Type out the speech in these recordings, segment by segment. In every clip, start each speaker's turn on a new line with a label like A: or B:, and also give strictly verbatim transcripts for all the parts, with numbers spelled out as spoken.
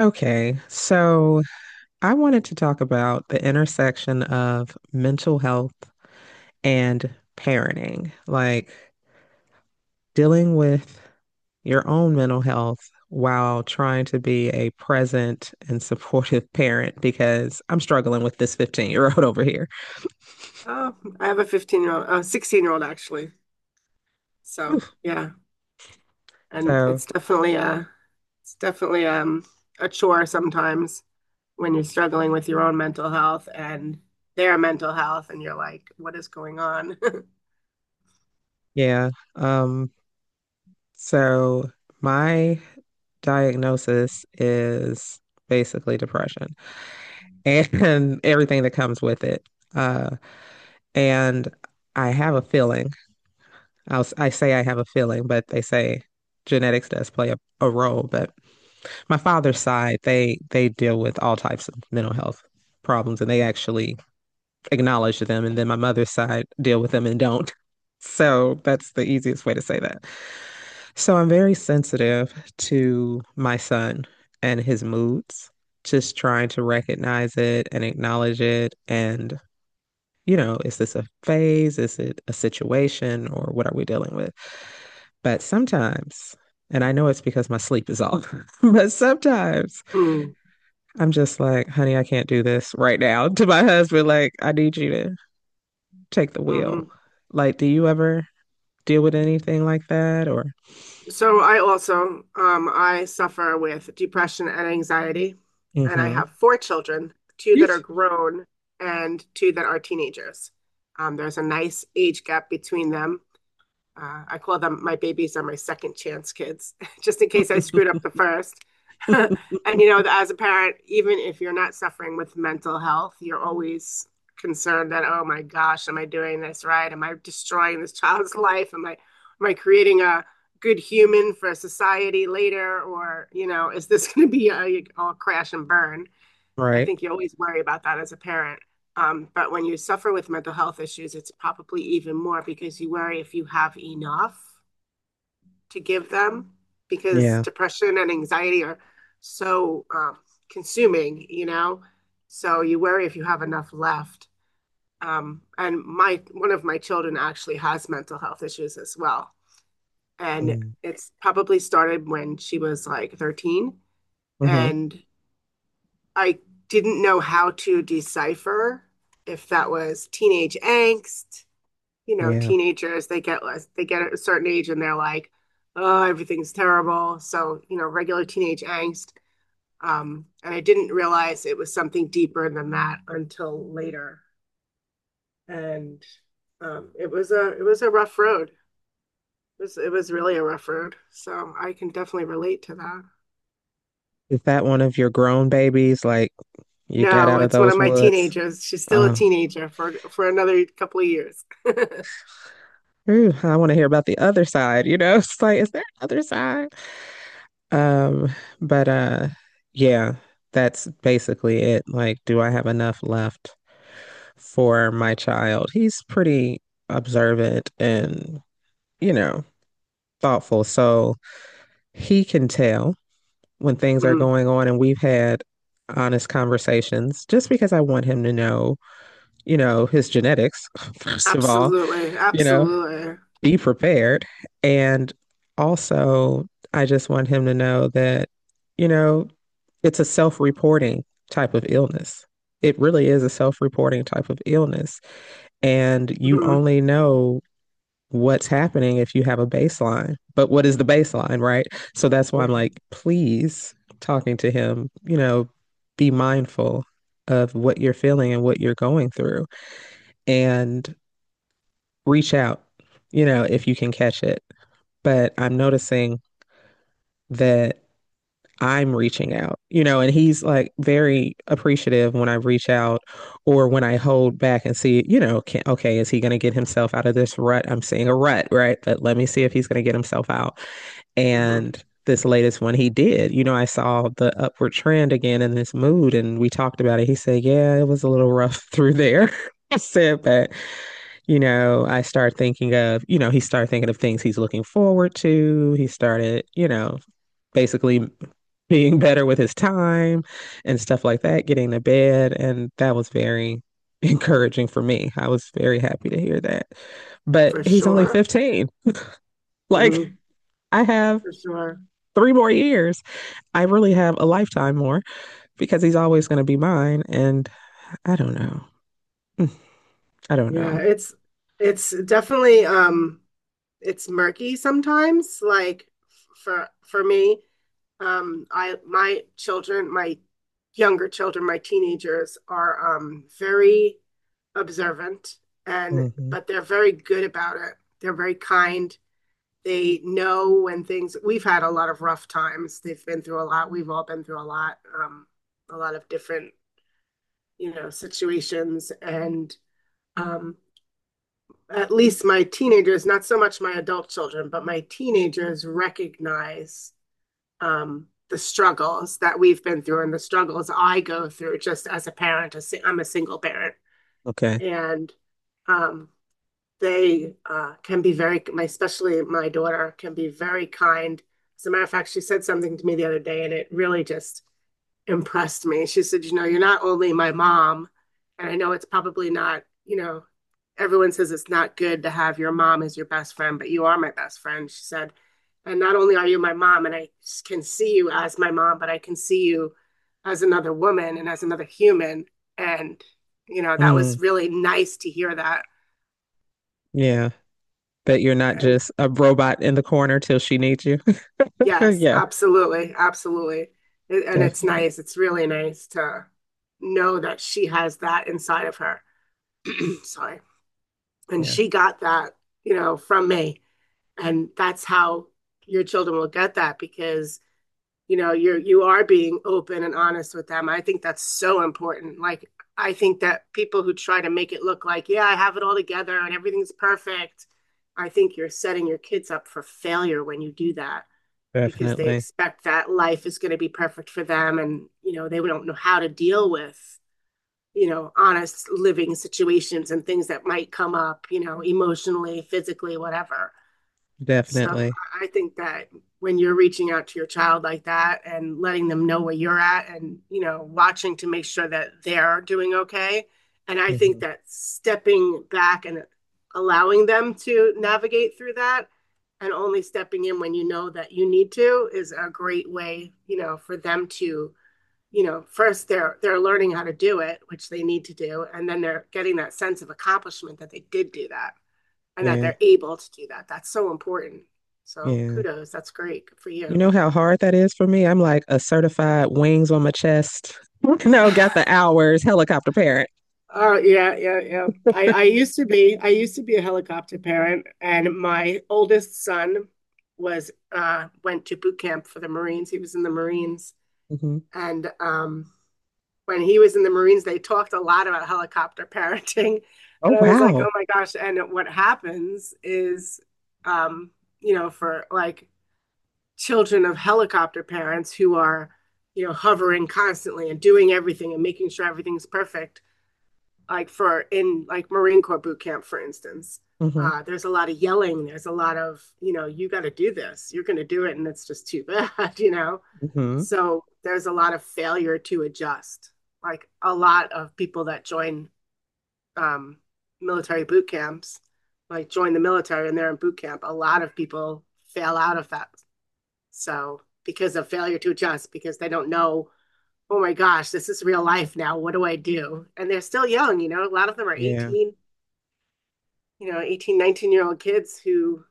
A: Okay, so I wanted to talk about the intersection of mental health and parenting, like dealing with your own mental health while trying to be a present and supportive parent because I'm struggling with this fifteen-year-old year old over here.
B: Oh, I have a fifteen year old, a sixteen year old actually. So
A: Oof.
B: yeah, and
A: So,
B: it's definitely a, it's definitely um a chore sometimes when you're struggling with your own mental health and their mental health, and you're like, what is going on?
A: yeah, um, so my diagnosis is basically depression and everything that comes with it. Uh, and I have a feeling. I'll, s- I say I have a feeling, but they say genetics does play a, a role. But my father's side, they they deal with all types of mental health problems, and they actually acknowledge them. And then my mother's side deal with them and don't. So that's the easiest way to say that. So I'm very sensitive to my son and his moods, just trying to recognize it and acknowledge it. And, you know, is this a phase? Is it a situation? Or what are we dealing with? But sometimes, and I know it's because my sleep is off, but sometimes
B: Mm,
A: I'm just like, honey, I can't do this right now to my husband. Like, I need you to take the wheel.
B: hmm
A: Like, do you ever deal with anything like that? Or,
B: So I also, um, I suffer with depression and anxiety, and I
A: mm-hmm.
B: have four children, two that are grown and two that are teenagers. Um, there's a nice age gap between them. Uh, I call them my babies are my second chance kids, just in case I screwed up the first. and You know, as a parent, even if you're not suffering with mental health, you're always concerned that, oh my gosh, am I doing this right? Am I destroying this child's life? Am I am I creating a good human for society later? Or, you know, is this going to be a, a crash and burn? I
A: Right.
B: think you always worry about that as a parent. Um, but when you suffer with mental health issues, it's probably even more because you worry if you have enough to give them because
A: Yeah.
B: depression and anxiety are so um, consuming, you know? So you worry if you have enough left. Um, and my One of my children actually has mental health issues as well. And
A: Mm.
B: it's probably started when she was like thirteen,
A: Hmm.
B: and I didn't know how to decipher if that was teenage angst. You know,
A: Yeah.
B: teenagers they get they get a certain age and they're like, oh, everything's terrible. So you know, regular teenage angst. Um, and I didn't realize it was something deeper than that until later. And um, it was a it was a rough road. It was it was really a rough road. So I can definitely relate to that.
A: Is that one of your grown babies? Like you got
B: No,
A: out of
B: it's one of
A: those
B: my
A: woods?
B: teenagers. She's still a
A: Oh,
B: teenager for for another couple of years.
A: ooh, I want to hear about the other side, you know? It's like, is there another side? Um, but uh yeah, that's basically it. Like, do I have enough left for my child? He's pretty observant and, you know, thoughtful. So he can tell when things are
B: Mhm.
A: going on and we've had honest conversations just because I want him to know, you know, his genetics, first of all,
B: Absolutely.
A: you know,
B: Absolutely.
A: be prepared. And also, I just want him to know that, you know, it's a self reporting type of illness. It really is a self reporting type of illness. And you
B: Hmm.
A: only know what's happening if you have a baseline. But what is the baseline, right? So that's why
B: Yeah.
A: I'm like, please, talking to him, you know, be mindful of what you're feeling and what you're going through. And reach out, you know, if you can catch it. But I'm noticing that I'm reaching out, you know, and he's like very appreciative when I reach out or when I hold back and see, you know, can, okay, is he going to get himself out of this rut? I'm seeing a rut, right? But let me see if he's going to get himself out.
B: Hmm.
A: And this latest one he did, you know, I saw the upward trend again in this mood and we talked about it. He said, yeah, it was a little rough through there. I said, but you know, I start thinking of, you know, he started thinking of things he's looking forward to. He started, you know, basically being better with his time and stuff like that, getting to bed. And that was very encouraging for me. I was very happy to hear that. But
B: For
A: he's only
B: sure.
A: fifteen. Like,
B: Hmm.
A: I have
B: For sure.
A: three more years. I really have a lifetime more because he's always going to be mine. And I don't know. I don't
B: Yeah,
A: know.
B: it's it's definitely um it's murky sometimes, like f- for for me. Um I My children, my younger children, my teenagers are um very observant. And
A: Mhm.
B: but they're very good about it. They're very kind. They know when things, we've had a lot of rough times. They've been through a lot. We've all been through a lot, um, a lot of different, you know, situations. And um, at least my teenagers, not so much my adult children, but my teenagers recognize um, the struggles that we've been through and the struggles I go through just as a parent. I'm a single parent.
A: Okay.
B: And um, they uh, can be very, my, especially my daughter, can be very kind. As a matter of fact, she said something to me the other day, and it really just impressed me. She said, "You know, you're not only my mom, and I know it's probably not, you know, everyone says it's not good to have your mom as your best friend, but you are my best friend." She said, "And not only are you my mom, and I can see you as my mom, but I can see you as another woman and as another human." And, you know, that was
A: Mm,
B: really nice to hear that.
A: yeah. But you're not
B: And
A: just a robot in the corner till she needs you.
B: yes,
A: Yeah,
B: absolutely, absolutely. It- and it's
A: definitely.
B: nice. It's really nice to know that she has that inside of her. Sorry. And
A: Yeah,
B: she got that, you know, from me. And that's how your children will get that because, you know, you're you are being open and honest with them. I think that's so important. Like, I think that people who try to make it look like, yeah, I have it all together and everything's perfect, I think you're setting your kids up for failure when you do that, because they
A: definitely.
B: expect that life is going to be perfect for them, and you know they don't know how to deal with, you know, honest living situations and things that might come up, you know, emotionally, physically, whatever. So
A: Definitely.
B: I think that when you're reaching out to your child like that and letting them know where you're at and, you know, watching to make sure that they're doing okay. And I think
A: Mhm.
B: that stepping back and allowing them to navigate through that, and only stepping in when you know that you need to, is a great way, you know, for them to, you know, first they're they're learning how to do it, which they need to do, and then they're getting that sense of accomplishment that they did do that and that
A: Yeah.
B: they're able to do that. That's so important. So
A: Yeah.
B: kudos. That's great. Good for
A: You
B: you.
A: know how hard that is for me? I'm like a certified wings on my chest. No, got the hours, helicopter parent.
B: Oh yeah, yeah, yeah. I I used to be I used to be a helicopter parent, and my oldest son was uh went to boot camp for the Marines. He was in the Marines,
A: Hmm.
B: and um when he was in the Marines, they talked a lot about helicopter parenting,
A: Oh,
B: and I was like,
A: wow.
B: oh my gosh. And what happens is, um, you know, for like children of helicopter parents who are, you know, hovering constantly and doing everything and making sure everything's perfect. Like for in like Marine Corps boot camp, for instance,
A: Hmm.
B: uh, there's a lot of yelling. There's a lot of, you know, you got to do this. You're going to do it, and it's just too bad, you know.
A: Hmm.
B: So there's a lot of failure to adjust. Like a lot of people that join um, military boot camps, like join the military and they're in boot camp, a lot of people fail out of that so because of failure to adjust, because they don't know, oh my gosh, this is real life now. What do I do? And they're still young, you know, a lot of them are
A: Yeah.
B: eighteen, you know, eighteen nineteen year old kids who,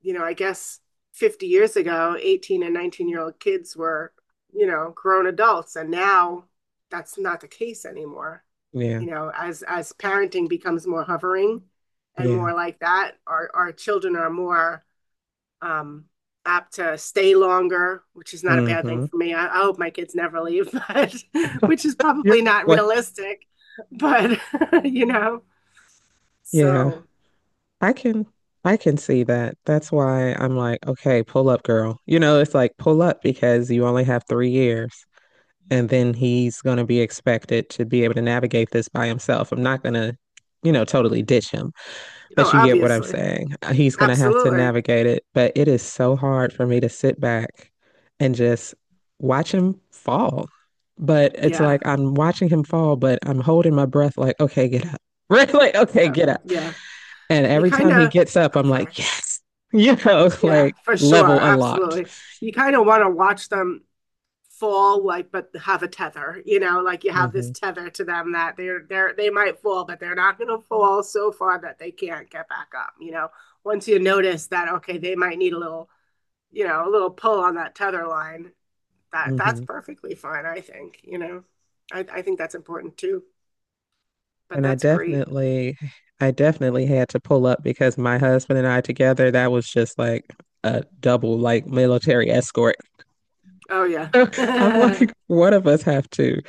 B: you know, I guess fifty years ago, 18 and 19 year old kids were, you know, grown adults. And now that's not the case anymore.
A: Yeah.
B: You know, as as parenting becomes more hovering and
A: Yeah.
B: more like that, our our children are more um, apt to stay longer, which is not a bad thing
A: Hmm.
B: for me. I, I hope my kids never leave, but which is
A: Yep.
B: probably not
A: What?
B: realistic. But you know,
A: Yeah.
B: so
A: I can I can see that. That's why I'm like, okay, pull up, girl. You know, it's like pull up because you only have three years. And then he's gonna be expected to be able to navigate this by himself. I'm not gonna, you know, totally ditch him.
B: oh,
A: But you get what I'm
B: obviously,
A: saying. Uh, He's going to have to
B: absolutely,
A: navigate it. But it is so hard for me to sit back and just watch him fall. But it's
B: yeah,
A: like I'm watching him fall, but I'm holding my breath, like, okay, get up. Right? Like, okay,
B: yeah,
A: get up.
B: yeah.
A: And
B: You
A: every
B: kind
A: time
B: of,
A: he gets up,
B: I'm
A: I'm
B: sorry,
A: like, yes, you know,
B: yeah,
A: like
B: for sure,
A: level unlocked.
B: absolutely. You kind of want to watch them fall, like, but have a tether, you know, like you have this
A: Hmm.
B: tether to them that they're they're they might fall but they're not going to fall so far that they can't get back up, you know, once you notice that okay they might need a little, you know, a little pull on that tether line, that that's
A: Hmm.
B: perfectly fine, I think, you know, i, I think that's important too, but
A: And I
B: that's great.
A: definitely, I definitely had to pull up because my husband and I together, that was just like a double, like military escort.
B: Oh yeah,
A: I'm
B: yeah,
A: like, one of us have to,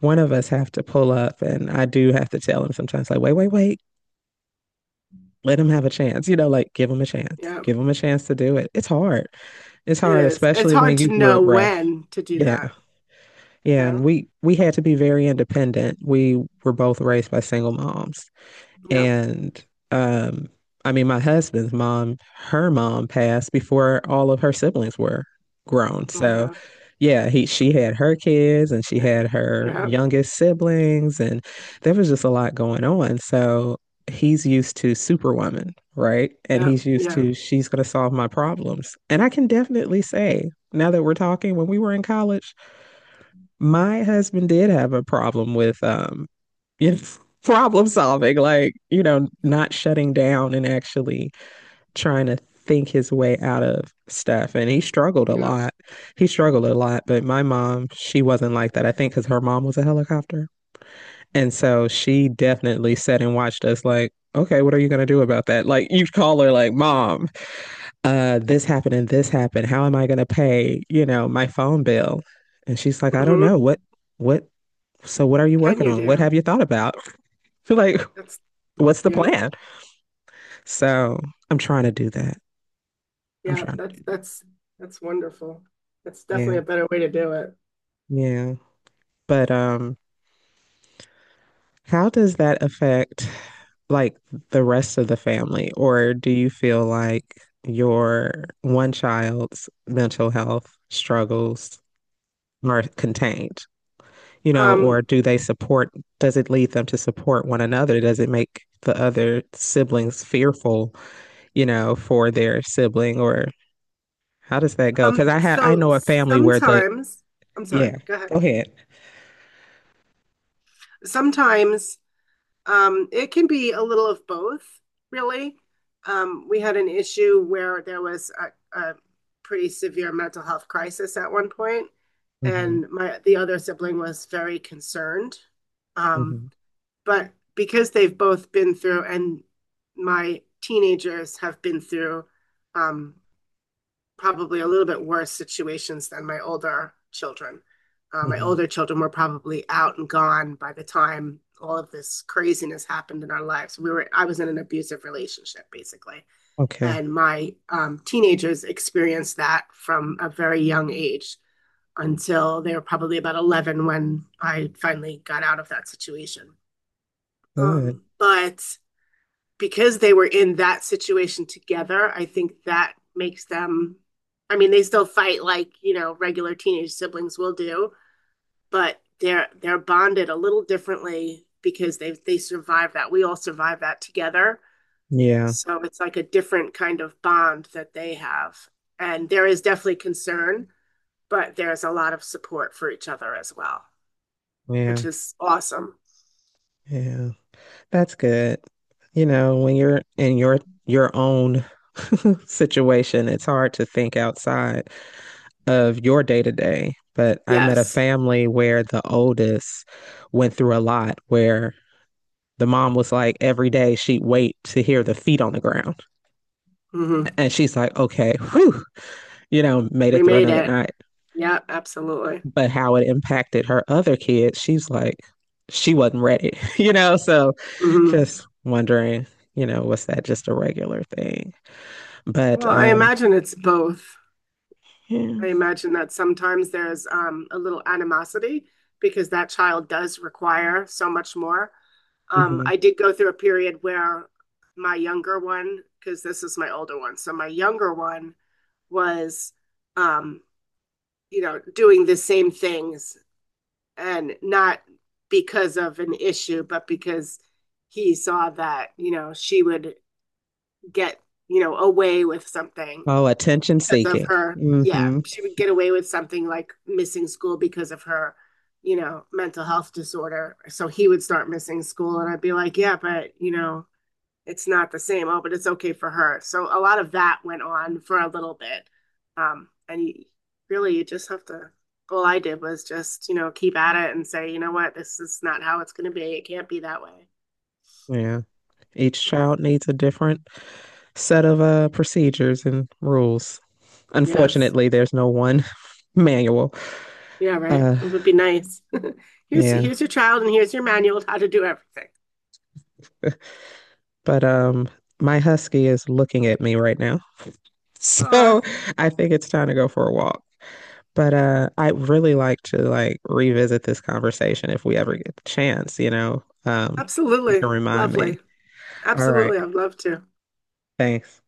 A: one of us have to pull up. And I do have to tell him sometimes, like, wait, wait, wait, let him have a chance. You know, like give him a chance, give him a chance to do it. It's hard. It's
B: it
A: hard,
B: is, it's
A: especially
B: hard
A: when
B: to
A: you grew
B: know
A: up rough.
B: when to do
A: Yeah.
B: that, you
A: Yeah. And
B: know.
A: we, we had to be very independent. We were both raised by single moms.
B: yeah
A: And um, I mean, my husband's mom, her mom passed before all of her siblings were grown. So, yeah, he she had her kids and she
B: yeah
A: had her
B: yeah
A: youngest siblings, and there was just a lot going on. So he's used to Superwoman, right? And he's used
B: yeah
A: to she's going to solve my problems. And I can definitely say, now that we're talking, when we were in college, my husband did have a problem with um you know, problem solving, like, you know, not shutting down and actually trying to think his way out of stuff. And he struggled a
B: yeah.
A: lot. He struggled a lot, but my mom, she wasn't like that. I think because her mom was a helicopter. And so she definitely sat and watched us like, okay, what are you going to do about that? Like you call her like, mom, uh, this happened and this happened. How am I going to pay, you know, my phone bill? And she's like, I don't know.
B: Mm-hmm.
A: What, what so, what are you
B: Can
A: working
B: you
A: on? What
B: do?
A: have you thought about? Like,
B: That's
A: what's the
B: yep.
A: plan? So, I'm trying to do that. I'm
B: Yeah,
A: trying to
B: that's
A: do that.
B: that's that's wonderful. That's
A: Yeah.
B: definitely a better way to do it.
A: Yeah. But um, how does that affect like the rest of the family? Or do you feel like your one child's mental health struggles are contained? You know, or
B: Um,
A: do they support, does it lead them to support one another? Does it make the other siblings fearful, you know, for their sibling or how does that go?
B: um,
A: Because I had I
B: so
A: know a family where the—
B: Sometimes, I'm sorry,
A: Yeah.
B: go ahead.
A: Go ahead.
B: Sometimes Um, it can be a little of both, really. Um, we had an issue where there was a, a pretty severe mental health crisis at one point,
A: Hmm.
B: and my the other sibling was very concerned. Um,
A: Hmm.
B: but because they've both been through, and my teenagers have been through um, probably a little bit worse situations than my older children. Uh, my
A: Hmm.
B: older children were probably out and gone by the time all of this craziness happened in our lives. We were I was in an abusive relationship basically,
A: Okay.
B: and my um, teenagers experienced that from a very young age until they were probably about eleven when I finally got out of that situation.
A: Good.
B: Um, but because they were in that situation together, I think that makes them. I mean, they still fight like, you know, regular teenage siblings will do, but they're they're bonded a little differently because they they survived that. We all survived that together,
A: Yeah.
B: so it's like a different kind of bond that they have. And there is definitely concern, but there's a lot of support for each other as well,
A: Yeah.
B: which is awesome.
A: Yeah. That's good. You know, when you're in your your own situation, it's hard to think outside of your day to day. But I met a
B: Yes,
A: family where the oldest went through a lot where the mom was like every day she'd wait to hear the feet on the ground.
B: hmm,
A: And she's like, okay, whew, you know, made
B: we
A: it through
B: made
A: another
B: it.
A: night.
B: Yeah, absolutely.
A: But how it impacted her other kids, she's like, she wasn't ready, you know? So
B: Hmm.
A: just wondering, you know, was that just a regular thing? But
B: Well, I
A: um,
B: imagine it's both. I
A: yeah.
B: imagine that sometimes there's um, a little animosity because that child does require so much more. Um, I
A: Hmm.
B: did go through a period where my younger one, because this is my older one, so my younger one was, um, you know, doing the same things and not because of an issue, but because he saw that, you know, she would get, you know, away with something
A: Oh, attention
B: because of
A: seeking.
B: her. Yeah,
A: Hmm.
B: she would get away with something like missing school because of her, you know, mental health disorder. So he would start missing school, and I'd be like, yeah, but you know, it's not the same. Oh, but it's okay for her. So a lot of that went on for a little bit, um, and you, really, you just have to. All I did was just, you know, keep at it and say, you know what, this is not how it's going to be. It can't be that way.
A: Yeah. Each child needs a different set of uh, procedures and rules.
B: Yes.
A: Unfortunately, there's no one manual.
B: Yeah, right.
A: Uh,
B: It would be nice. Here's
A: yeah.
B: here's your child and here's your manual on how to do everything.
A: But um, my husky is looking at me right now.
B: Aw,
A: So I think it's time to go for a walk. But uh, I really like to like revisit this conversation if we ever get the chance, you know. Um, you can
B: absolutely.
A: remind me.
B: Lovely.
A: All right.
B: Absolutely. I'd love to.
A: Thanks.